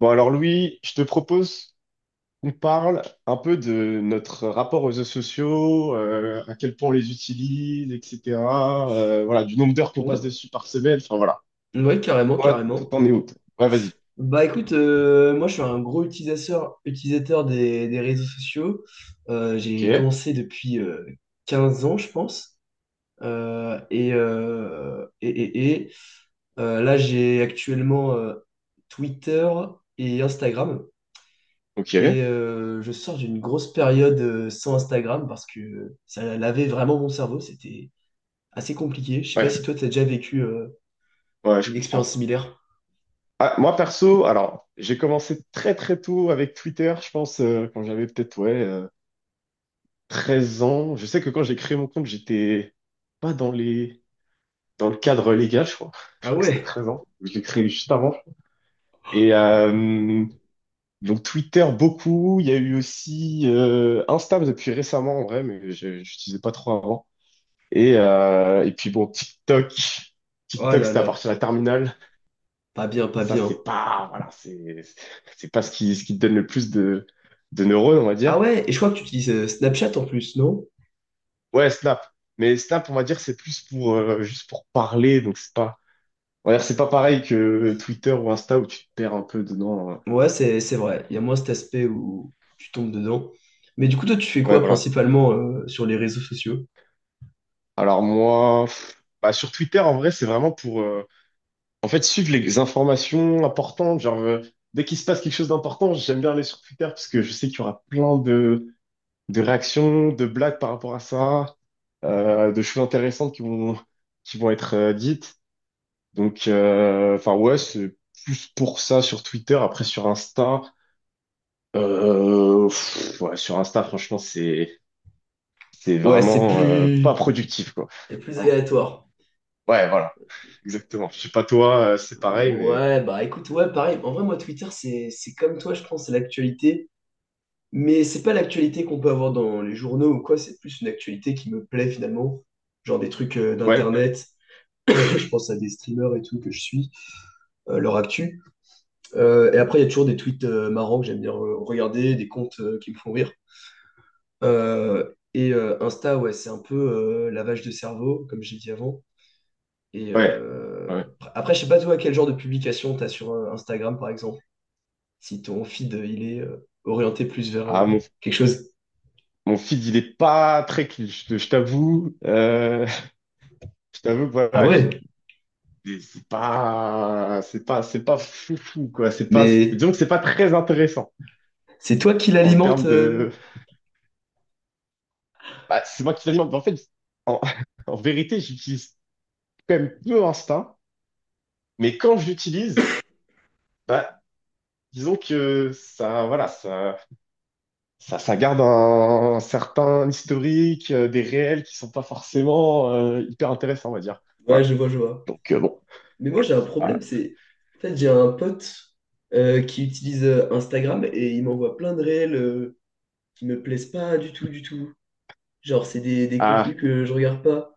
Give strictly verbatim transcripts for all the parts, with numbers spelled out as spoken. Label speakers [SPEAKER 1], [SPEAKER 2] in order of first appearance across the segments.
[SPEAKER 1] Bon, alors Louis, je te propose qu'on parle un peu de notre rapport aux réseaux sociaux, euh, à quel point on les utilise, et cetera euh, Voilà, du nombre d'heures qu'on
[SPEAKER 2] Ouais,
[SPEAKER 1] passe dessus par semaine. Enfin voilà.
[SPEAKER 2] ouais, carrément,
[SPEAKER 1] Toi, toi,
[SPEAKER 2] carrément.
[SPEAKER 1] t'en es où, toi? Ouais, vas-y.
[SPEAKER 2] Bah écoute, euh, moi je suis un gros utilisateur, utilisateur des, des réseaux sociaux. Euh,
[SPEAKER 1] Ok,
[SPEAKER 2] j'ai commencé depuis euh, quinze ans, je pense. Euh, et, euh, et, et, et, euh, Là j'ai actuellement euh, Twitter et Instagram.
[SPEAKER 1] ok.
[SPEAKER 2] Et euh, je sors d'une grosse période euh, sans Instagram parce que ça lavait vraiment mon cerveau. C'était assez compliqué. Je sais pas
[SPEAKER 1] Ouais,
[SPEAKER 2] si toi t'as déjà vécu euh,
[SPEAKER 1] ouais, je
[SPEAKER 2] une
[SPEAKER 1] comprends.
[SPEAKER 2] expérience similaire.
[SPEAKER 1] Ah, moi perso, alors j'ai commencé très très tôt avec Twitter, je pense euh, quand j'avais peut-être ouais, euh, treize ans. Je sais que quand j'ai créé mon compte, j'étais pas dans les dans le cadre légal, je crois. Je
[SPEAKER 2] Ah
[SPEAKER 1] crois que c'était
[SPEAKER 2] ouais?
[SPEAKER 1] treize ans. Je l'ai créé juste avant. Et euh, donc Twitter beaucoup, il y a eu aussi euh, Insta depuis récemment en vrai, mais je n'utilisais pas trop avant. Et, euh, et puis bon, TikTok,
[SPEAKER 2] Oh
[SPEAKER 1] TikTok
[SPEAKER 2] là
[SPEAKER 1] c'était à
[SPEAKER 2] là.
[SPEAKER 1] partir de la terminale.
[SPEAKER 2] Pas bien, pas
[SPEAKER 1] Ça,
[SPEAKER 2] bien.
[SPEAKER 1] c'est pas, voilà, c'est c'est pas ce qui ce qui te donne le plus de de neurones, on va
[SPEAKER 2] Ah
[SPEAKER 1] dire.
[SPEAKER 2] ouais, et je crois que tu utilises euh, Snapchat en plus, non?
[SPEAKER 1] Ouais Snap, mais Snap on va dire c'est plus pour euh, juste pour parler donc c'est pas on va dire c'est pas pareil que Twitter ou Insta où tu te perds un peu dedans. euh.
[SPEAKER 2] Ouais, c'est c'est vrai. Il y a moins cet aspect où tu tombes dedans. Mais du coup, toi, tu fais
[SPEAKER 1] Ouais
[SPEAKER 2] quoi
[SPEAKER 1] voilà.
[SPEAKER 2] principalement euh, sur les réseaux sociaux?
[SPEAKER 1] Alors moi. Pff, bah, sur Twitter, en vrai, c'est vraiment pour, euh, en fait, suivre les informations importantes, genre, euh, dès qu'il se passe quelque chose d'important, j'aime bien aller sur Twitter parce que je sais qu'il y aura plein de, de réactions, de blagues par rapport à ça, euh, de choses intéressantes qui vont, qui vont être euh, dites. Donc, euh, enfin, ouais, c'est plus pour ça sur Twitter. Après, sur Insta, euh, pff, ouais, sur Insta, franchement, c'est, c'est
[SPEAKER 2] Ouais, c'est
[SPEAKER 1] vraiment euh, pas
[SPEAKER 2] plus
[SPEAKER 1] productif, quoi.
[SPEAKER 2] c'est plus
[SPEAKER 1] Vraiment.
[SPEAKER 2] aléatoire.
[SPEAKER 1] Ouais, voilà, exactement. Je sais pas toi, euh, c'est pareil, mais
[SPEAKER 2] Ouais, bah écoute, ouais, pareil. En vrai, moi, Twitter, c'est c'est comme toi, je pense, c'est l'actualité. Mais c'est pas l'actualité qu'on peut avoir dans les journaux ou quoi, c'est plus une actualité qui me plaît finalement, genre des trucs euh,
[SPEAKER 1] ouais,
[SPEAKER 2] d'internet, je pense à des streamers et tout que je suis, euh, leur actu. Euh, et après, il y a toujours des tweets euh, marrants que j'aime bien re- regarder, des comptes euh, qui me font rire. Euh, et euh, Insta, ouais, c'est un peu euh, lavage de cerveau, comme j'ai dit avant. Et
[SPEAKER 1] ouais.
[SPEAKER 2] euh,
[SPEAKER 1] Ouais.
[SPEAKER 2] Après, je sais pas toi quel genre de publication t'as sur euh, Instagram, par exemple, si ton feed euh, il est euh, orienté plus vers
[SPEAKER 1] Ah,
[SPEAKER 2] euh, quelque chose.
[SPEAKER 1] Mon feed, il est pas très clean, je, te- je t'avoue. Euh, je t'avoue que
[SPEAKER 2] Ah
[SPEAKER 1] voilà, j'ai
[SPEAKER 2] ouais?
[SPEAKER 1] des- c'est pas, c'est pas, c'est pas fou, fou quoi. C'est pas,
[SPEAKER 2] Mais
[SPEAKER 1] disons que c'est pas très intéressant
[SPEAKER 2] C'est toi qui
[SPEAKER 1] en
[SPEAKER 2] l'alimente.
[SPEAKER 1] termes de.
[SPEAKER 2] Euh.
[SPEAKER 1] Bah, c'est moi qui l'alimente. En fait, en, en vérité, j'utilise quand même peu Insta, mais quand je l'utilise, bah, disons que ça, voilà, ça, ça, ça garde un, un certain historique, euh, des réels qui sont pas forcément euh, hyper intéressants, on va dire.
[SPEAKER 2] Ouais,
[SPEAKER 1] Voilà.
[SPEAKER 2] je vois, je vois.
[SPEAKER 1] Donc euh, bon.
[SPEAKER 2] Mais moi, j'ai un problème, c'est... En fait, j'ai un pote euh, qui utilise euh, Instagram et il m'envoie plein de réels euh, qui me plaisent pas du tout, du tout. Genre, c'est des, des
[SPEAKER 1] Ah,
[SPEAKER 2] contenus que je regarde pas.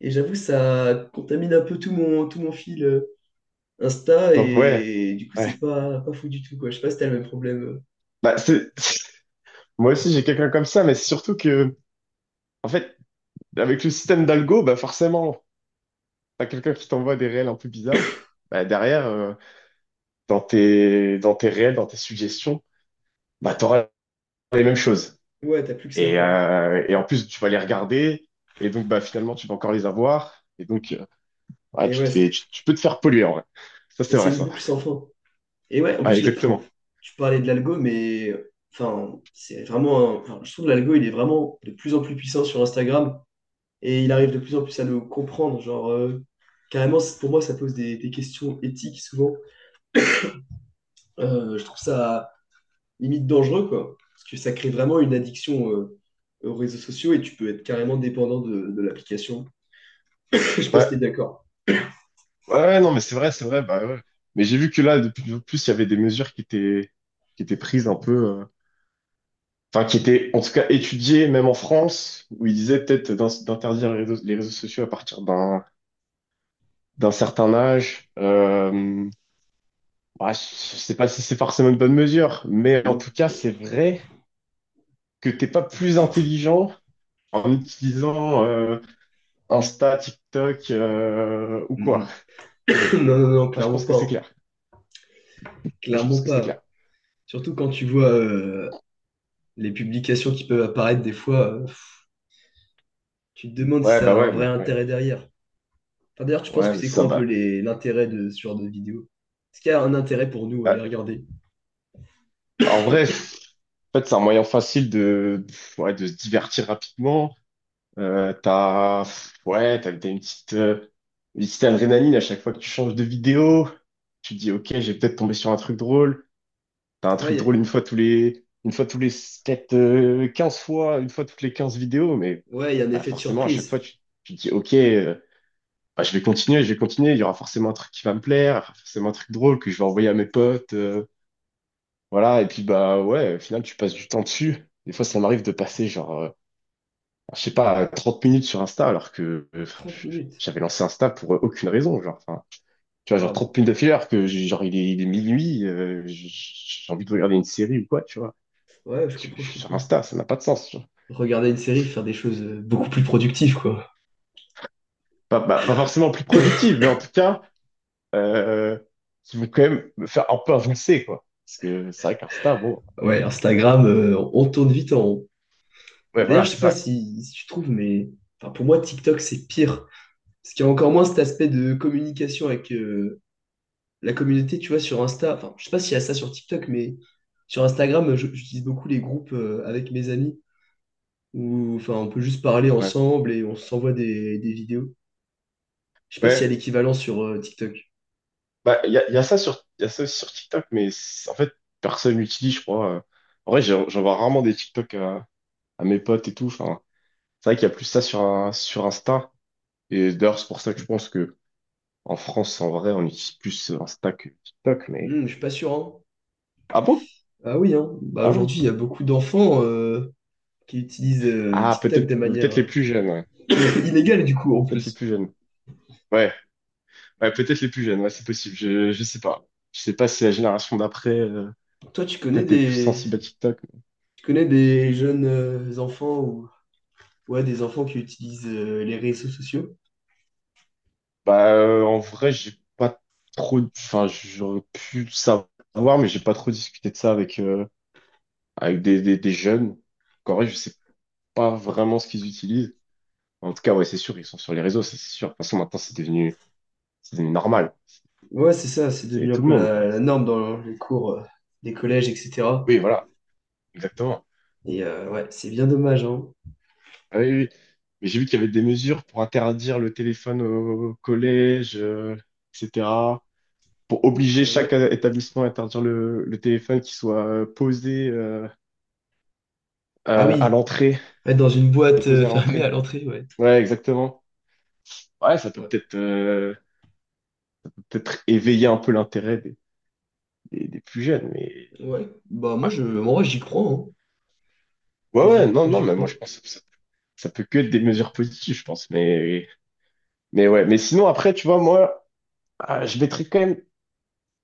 [SPEAKER 2] Et j'avoue, ça contamine un peu tout mon, tout mon fil euh, Insta
[SPEAKER 1] Donc, ouais,
[SPEAKER 2] et du coup,
[SPEAKER 1] ouais.
[SPEAKER 2] c'est pas, pas fou du tout, quoi. Je sais pas si t'as le même problème.
[SPEAKER 1] Bah, c'est... Moi aussi, j'ai quelqu'un comme ça, mais c'est surtout que, en fait, avec le système d'algo, bah, forcément, t'as quelqu'un qui t'envoie des réels un peu bizarres. Bah, derrière, euh, dans tes... dans tes réels, dans tes suggestions, bah, t'auras les mêmes choses.
[SPEAKER 2] Ouais, t'as plus que ça,
[SPEAKER 1] Et,
[SPEAKER 2] quoi.
[SPEAKER 1] euh, et en plus, tu vas les regarder, et donc, bah, finalement, tu vas encore les avoir. Et donc, euh, ouais,
[SPEAKER 2] Et
[SPEAKER 1] tu
[SPEAKER 2] ouais,
[SPEAKER 1] te
[SPEAKER 2] c'est-
[SPEAKER 1] fais... tu... tu peux te faire polluer, en vrai. Ça,
[SPEAKER 2] et
[SPEAKER 1] c'est
[SPEAKER 2] c'est
[SPEAKER 1] vrai,
[SPEAKER 2] une
[SPEAKER 1] ça.
[SPEAKER 2] boucle sans fin. Et ouais, en
[SPEAKER 1] Ouais,
[SPEAKER 2] plus, le- enfin,
[SPEAKER 1] exactement.
[SPEAKER 2] tu parlais de l'algo, mais enfin, c'est vraiment un- enfin, je trouve que l'algo, il est vraiment de plus en plus puissant sur Instagram et il arrive de plus en plus à nous comprendre. Genre, euh, carrément, c'est- pour moi, ça pose des, des questions éthiques souvent. Euh, je trouve ça limite dangereux, quoi. Parce que ça crée vraiment une addiction euh, aux réseaux sociaux et tu peux être carrément dépendant de, de l'application. Je sais pas si t'es
[SPEAKER 1] Ouais.
[SPEAKER 2] d'accord.
[SPEAKER 1] Ouais, ouais, non, mais c'est vrai, c'est vrai, bah ouais. Mais j'ai vu que là, de plus en plus, il y avait des mesures qui étaient, qui étaient prises un peu, euh, enfin, qui étaient en tout cas étudiées, même en France, où ils disaient peut-être d'in- d'interdire les réseaux, les réseaux sociaux à partir d'un, d'un certain âge. Euh, bah, je sais pas si c'est forcément une bonne mesure, mais en tout cas,
[SPEAKER 2] Ouh.
[SPEAKER 1] c'est vrai que t'es pas plus intelligent en utilisant euh, Insta, TikTok euh, ou
[SPEAKER 2] Mm,
[SPEAKER 1] quoi.
[SPEAKER 2] mm. Non, non, non,
[SPEAKER 1] Ça, je
[SPEAKER 2] clairement
[SPEAKER 1] pense que
[SPEAKER 2] pas,
[SPEAKER 1] c'est
[SPEAKER 2] hein.
[SPEAKER 1] clair. Ça, je pense
[SPEAKER 2] Clairement
[SPEAKER 1] que c'est
[SPEAKER 2] pas.
[SPEAKER 1] clair.
[SPEAKER 2] Surtout quand tu vois, euh, les publications qui peuvent apparaître des fois, euh, tu te demandes si
[SPEAKER 1] Ouais, bah
[SPEAKER 2] ça a un
[SPEAKER 1] ouais,
[SPEAKER 2] vrai
[SPEAKER 1] mais ouais,
[SPEAKER 2] intérêt derrière. Enfin, d'ailleurs, tu penses
[SPEAKER 1] ouais,
[SPEAKER 2] que
[SPEAKER 1] mais
[SPEAKER 2] c'est
[SPEAKER 1] ça,
[SPEAKER 2] quoi un peu
[SPEAKER 1] bah.
[SPEAKER 2] les- l'intérêt de ce genre de vidéo? Est-ce qu'il y a un intérêt pour nous à les regarder?
[SPEAKER 1] En vrai, f- en fait, c'est un moyen facile de, ouais, de se divertir rapidement. Euh, t'as, ouais, t'as, t'as une petite, euh, une petite adrénaline à chaque fois que tu changes de vidéo. Tu te dis, OK, j'ai peut-être tombé sur un truc drôle. T'as un
[SPEAKER 2] Ouais,
[SPEAKER 1] truc
[SPEAKER 2] il
[SPEAKER 1] drôle une
[SPEAKER 2] y
[SPEAKER 1] fois tous les, une fois tous les, peut-être, euh, quinze fois, une fois toutes les quinze vidéos. Mais
[SPEAKER 2] a, ouais, il y a un
[SPEAKER 1] bah,
[SPEAKER 2] effet de
[SPEAKER 1] forcément, à chaque fois,
[SPEAKER 2] surprise.
[SPEAKER 1] tu, tu te dis, OK, euh, bah, je vais continuer, je vais continuer. Il y aura forcément un truc qui va me plaire, forcément un truc drôle que je vais envoyer à mes potes. Euh, voilà, et puis bah ouais, au final, tu passes du temps dessus. Des fois, ça m'arrive de passer genre, euh, je sais pas, trente minutes sur Insta alors que euh,
[SPEAKER 2] Trente minutes.
[SPEAKER 1] j'avais lancé Insta pour euh, aucune raison. Genre, enfin, tu vois, genre
[SPEAKER 2] Waouh.
[SPEAKER 1] trente minutes d'affilée alors que j'ai- genre il est, il est minuit, euh, j'ai j'ai envie de regarder une série ou quoi, tu vois.
[SPEAKER 2] Ouais, je
[SPEAKER 1] Je, je
[SPEAKER 2] comprends, je
[SPEAKER 1] suis sur
[SPEAKER 2] comprends.
[SPEAKER 1] Insta, ça n'a pas de sens. tu vois.
[SPEAKER 2] Regarder une série, faire des choses euh, beaucoup plus productives, quoi.
[SPEAKER 1] Pas, pas- pas forcément plus productive, mais en tout cas, euh, qui vont quand même me faire un peu avancer, quoi. Parce que c'est vrai qu'Insta, bon,
[SPEAKER 2] Ouais, Instagram, euh, on tourne vite en rond. Mais
[SPEAKER 1] ouais,
[SPEAKER 2] d'ailleurs,
[SPEAKER 1] voilà,
[SPEAKER 2] je sais
[SPEAKER 1] c'est
[SPEAKER 2] pas
[SPEAKER 1] ça, quoi.
[SPEAKER 2] si, si tu trouves, mais enfin, pour moi, TikTok, c'est pire. Parce qu'il y a encore moins cet aspect de communication avec, euh, la communauté, tu vois, sur Insta, enfin, je sais pas s'il y a ça sur TikTok, mais sur Instagram, je- j'utilise beaucoup les groupes euh, avec mes amis où, enfin, on peut juste parler
[SPEAKER 1] Ouais,
[SPEAKER 2] ensemble et on s'envoie des, des vidéos. Je sais pas s'il y
[SPEAKER 1] ouais.
[SPEAKER 2] a l'équivalent sur euh, TikTok.
[SPEAKER 1] Bah, il y a, y a ça sur, y a ça aussi sur TikTok, mais c'est- en fait, personne l'utilise je crois. euh. En vrai, j'en j'en vois rarement des TikTok à, à mes potes et tout. Enfin, c'est vrai qu'il y a plus ça sur, un- sur Insta. Et d'ailleurs, c'est pour ça que je pense que en France, en vrai, on utilise plus Insta que TikTok, mais...
[SPEAKER 2] Hmm, je suis pas sûr, hein.
[SPEAKER 1] Ah bon?
[SPEAKER 2] Ah oui, hein. Bah,
[SPEAKER 1] Ah ouais.
[SPEAKER 2] aujourd'hui, il y a beaucoup d'enfants euh, qui utilisent euh,
[SPEAKER 1] Ah,
[SPEAKER 2] TikTok de
[SPEAKER 1] peut-être
[SPEAKER 2] manière
[SPEAKER 1] peut-être les plus jeunes, ouais.
[SPEAKER 2] euh, inégale, du coup, en
[SPEAKER 1] Peut-être les
[SPEAKER 2] plus.
[SPEAKER 1] plus jeunes. Ouais, ouais, peut-être les plus jeunes, ouais, c'est possible. Je, je sais pas. Je sais pas si la génération d'après, euh,
[SPEAKER 2] Toi, tu connais
[SPEAKER 1] peut-être est plus
[SPEAKER 2] des,
[SPEAKER 1] sensible à TikTok.
[SPEAKER 2] tu connais des jeunes euh, enfants ou ouais, des enfants qui utilisent euh, les réseaux sociaux?
[SPEAKER 1] Bah, euh, en vrai, j'ai pas trop, enfin, j'aurais pu savoir, mais j'ai pas trop discuté de ça avec, euh, avec des, des, des jeunes. En vrai, je sais pas vraiment ce qu'ils utilisent. En tout cas, ouais, c'est sûr, ils sont sur les réseaux, ça, c'est sûr. De toute façon, maintenant, c'est devenu, c'est devenu normal.
[SPEAKER 2] Ouais, c'est ça, c'est
[SPEAKER 1] C'est
[SPEAKER 2] devenu un
[SPEAKER 1] tout le
[SPEAKER 2] peu
[SPEAKER 1] monde,
[SPEAKER 2] la,
[SPEAKER 1] quoi.
[SPEAKER 2] la
[SPEAKER 1] C'est-
[SPEAKER 2] norme dans les cours euh, des collèges, et cetera.
[SPEAKER 1] Oui, voilà, exactement.
[SPEAKER 2] Et euh, ouais, c'est bien dommage, hein.
[SPEAKER 1] Ah oui, oui. Mais j'ai vu qu'il y avait des mesures pour interdire le téléphone au collège, euh, et cetera. Pour obliger
[SPEAKER 2] Euh,
[SPEAKER 1] chaque
[SPEAKER 2] ouais.
[SPEAKER 1] euh, établissement à interdire le, le téléphone qui soit euh, posé, euh,
[SPEAKER 2] Ah
[SPEAKER 1] euh, à
[SPEAKER 2] oui,
[SPEAKER 1] l'entrée
[SPEAKER 2] être dans une boîte euh,
[SPEAKER 1] déposé à
[SPEAKER 2] fermée à
[SPEAKER 1] l'entrée.
[SPEAKER 2] l'entrée, ouais.
[SPEAKER 1] Ouais, exactement. Ouais, ça peut
[SPEAKER 2] Ouais.
[SPEAKER 1] peut-être euh, peut-être éveiller un peu l'intérêt des, des, des plus jeunes, mais
[SPEAKER 2] Ouais. Bah moi je moi j'y crois, hein.
[SPEAKER 1] ouais,
[SPEAKER 2] J'y
[SPEAKER 1] ouais, non,
[SPEAKER 2] crois,
[SPEAKER 1] non,
[SPEAKER 2] j'y
[SPEAKER 1] mais moi
[SPEAKER 2] crois.
[SPEAKER 1] je pense que ça, ça peut que être des mesures positives, je pense, mais mais ouais, mais sinon après, tu vois, moi, ah, je mettrais quand même,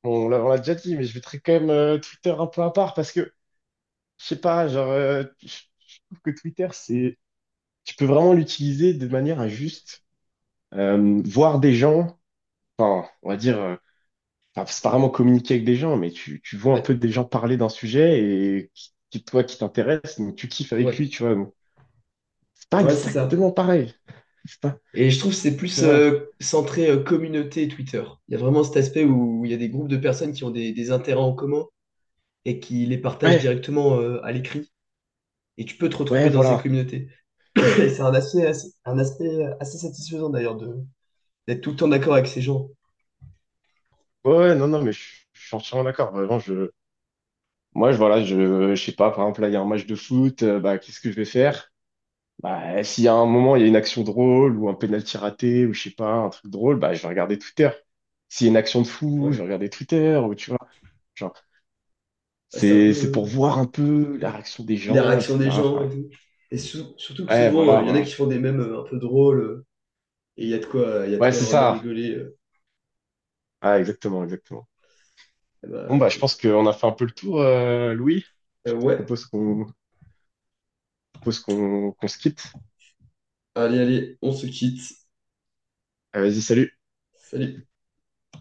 [SPEAKER 1] bon, on l'a on l'a déjà dit, mais je mettrais quand même euh, Twitter un peu à part parce que je sais pas, genre, euh, je je trouve que Twitter, c'est, tu peux vraiment l'utiliser de manière injuste euh, voir des gens, enfin, on va dire. Euh, enfin, c'est pas vraiment communiquer avec des gens, mais tu, tu vois un peu
[SPEAKER 2] Ouais.
[SPEAKER 1] des gens parler d'un sujet et qui, qui- toi qui t'intéresse, donc tu kiffes avec
[SPEAKER 2] Ouais.
[SPEAKER 1] lui, tu vois. Donc, c'est pas
[SPEAKER 2] Ouais, c'est ça.
[SPEAKER 1] exactement pareil. C'est pas,
[SPEAKER 2] Et je trouve que c'est plus
[SPEAKER 1] tu vois.
[SPEAKER 2] euh, centré euh, communauté et Twitter. Il y a vraiment cet aspect où il y a des groupes de personnes qui ont des, des intérêts en commun et qui les partagent
[SPEAKER 1] Ouais,
[SPEAKER 2] directement euh, à l'écrit. Et tu peux te
[SPEAKER 1] ouais,
[SPEAKER 2] retrouver dans ces
[SPEAKER 1] voilà.
[SPEAKER 2] communautés. Et c'est un aspect, assez- un aspect assez satisfaisant d'ailleurs de d'être tout le temps d'accord avec ces gens.
[SPEAKER 1] Ouais, ouais, non, non, mais je, je suis entièrement d'accord. Vraiment, je, moi, je, voilà, je, je sais pas, par exemple, là, il y a un match de foot, euh, bah, qu'est-ce que je vais faire? Bah, s'il y a un moment, il y a une action drôle ou un penalty raté ou je sais pas, un truc drôle, bah, je vais regarder Twitter. S'il y a une action de fou, je vais
[SPEAKER 2] Ouais.
[SPEAKER 1] regarder Twitter ou tu vois.
[SPEAKER 2] Bah, c'est un peu
[SPEAKER 1] C'est, c'est pour
[SPEAKER 2] euh,
[SPEAKER 1] voir un peu la réaction des
[SPEAKER 2] les
[SPEAKER 1] gens,
[SPEAKER 2] réactions des
[SPEAKER 1] et cetera.
[SPEAKER 2] gens et
[SPEAKER 1] Enfin,
[SPEAKER 2] tout. Et sou- surtout que
[SPEAKER 1] ouais,
[SPEAKER 2] souvent,
[SPEAKER 1] voilà,
[SPEAKER 2] euh, il y en a
[SPEAKER 1] voilà.
[SPEAKER 2] qui font des mèmes euh, un peu drôles, euh, et il y a de quoi, il y a de
[SPEAKER 1] Ouais,
[SPEAKER 2] quoi
[SPEAKER 1] c'est
[SPEAKER 2] vraiment
[SPEAKER 1] ça.
[SPEAKER 2] rigoler. euh.
[SPEAKER 1] Ah, exactement, exactement.
[SPEAKER 2] Eh
[SPEAKER 1] Bon, bah, je
[SPEAKER 2] ben,
[SPEAKER 1] pense qu'on a fait un peu le tour, euh, Louis.
[SPEAKER 2] euh,
[SPEAKER 1] Je
[SPEAKER 2] ouais,
[SPEAKER 1] propose qu'on, je propose qu'on qu'on se quitte.
[SPEAKER 2] allez, allez, on se quitte.
[SPEAKER 1] Ah, vas-y, salut.
[SPEAKER 2] Salut.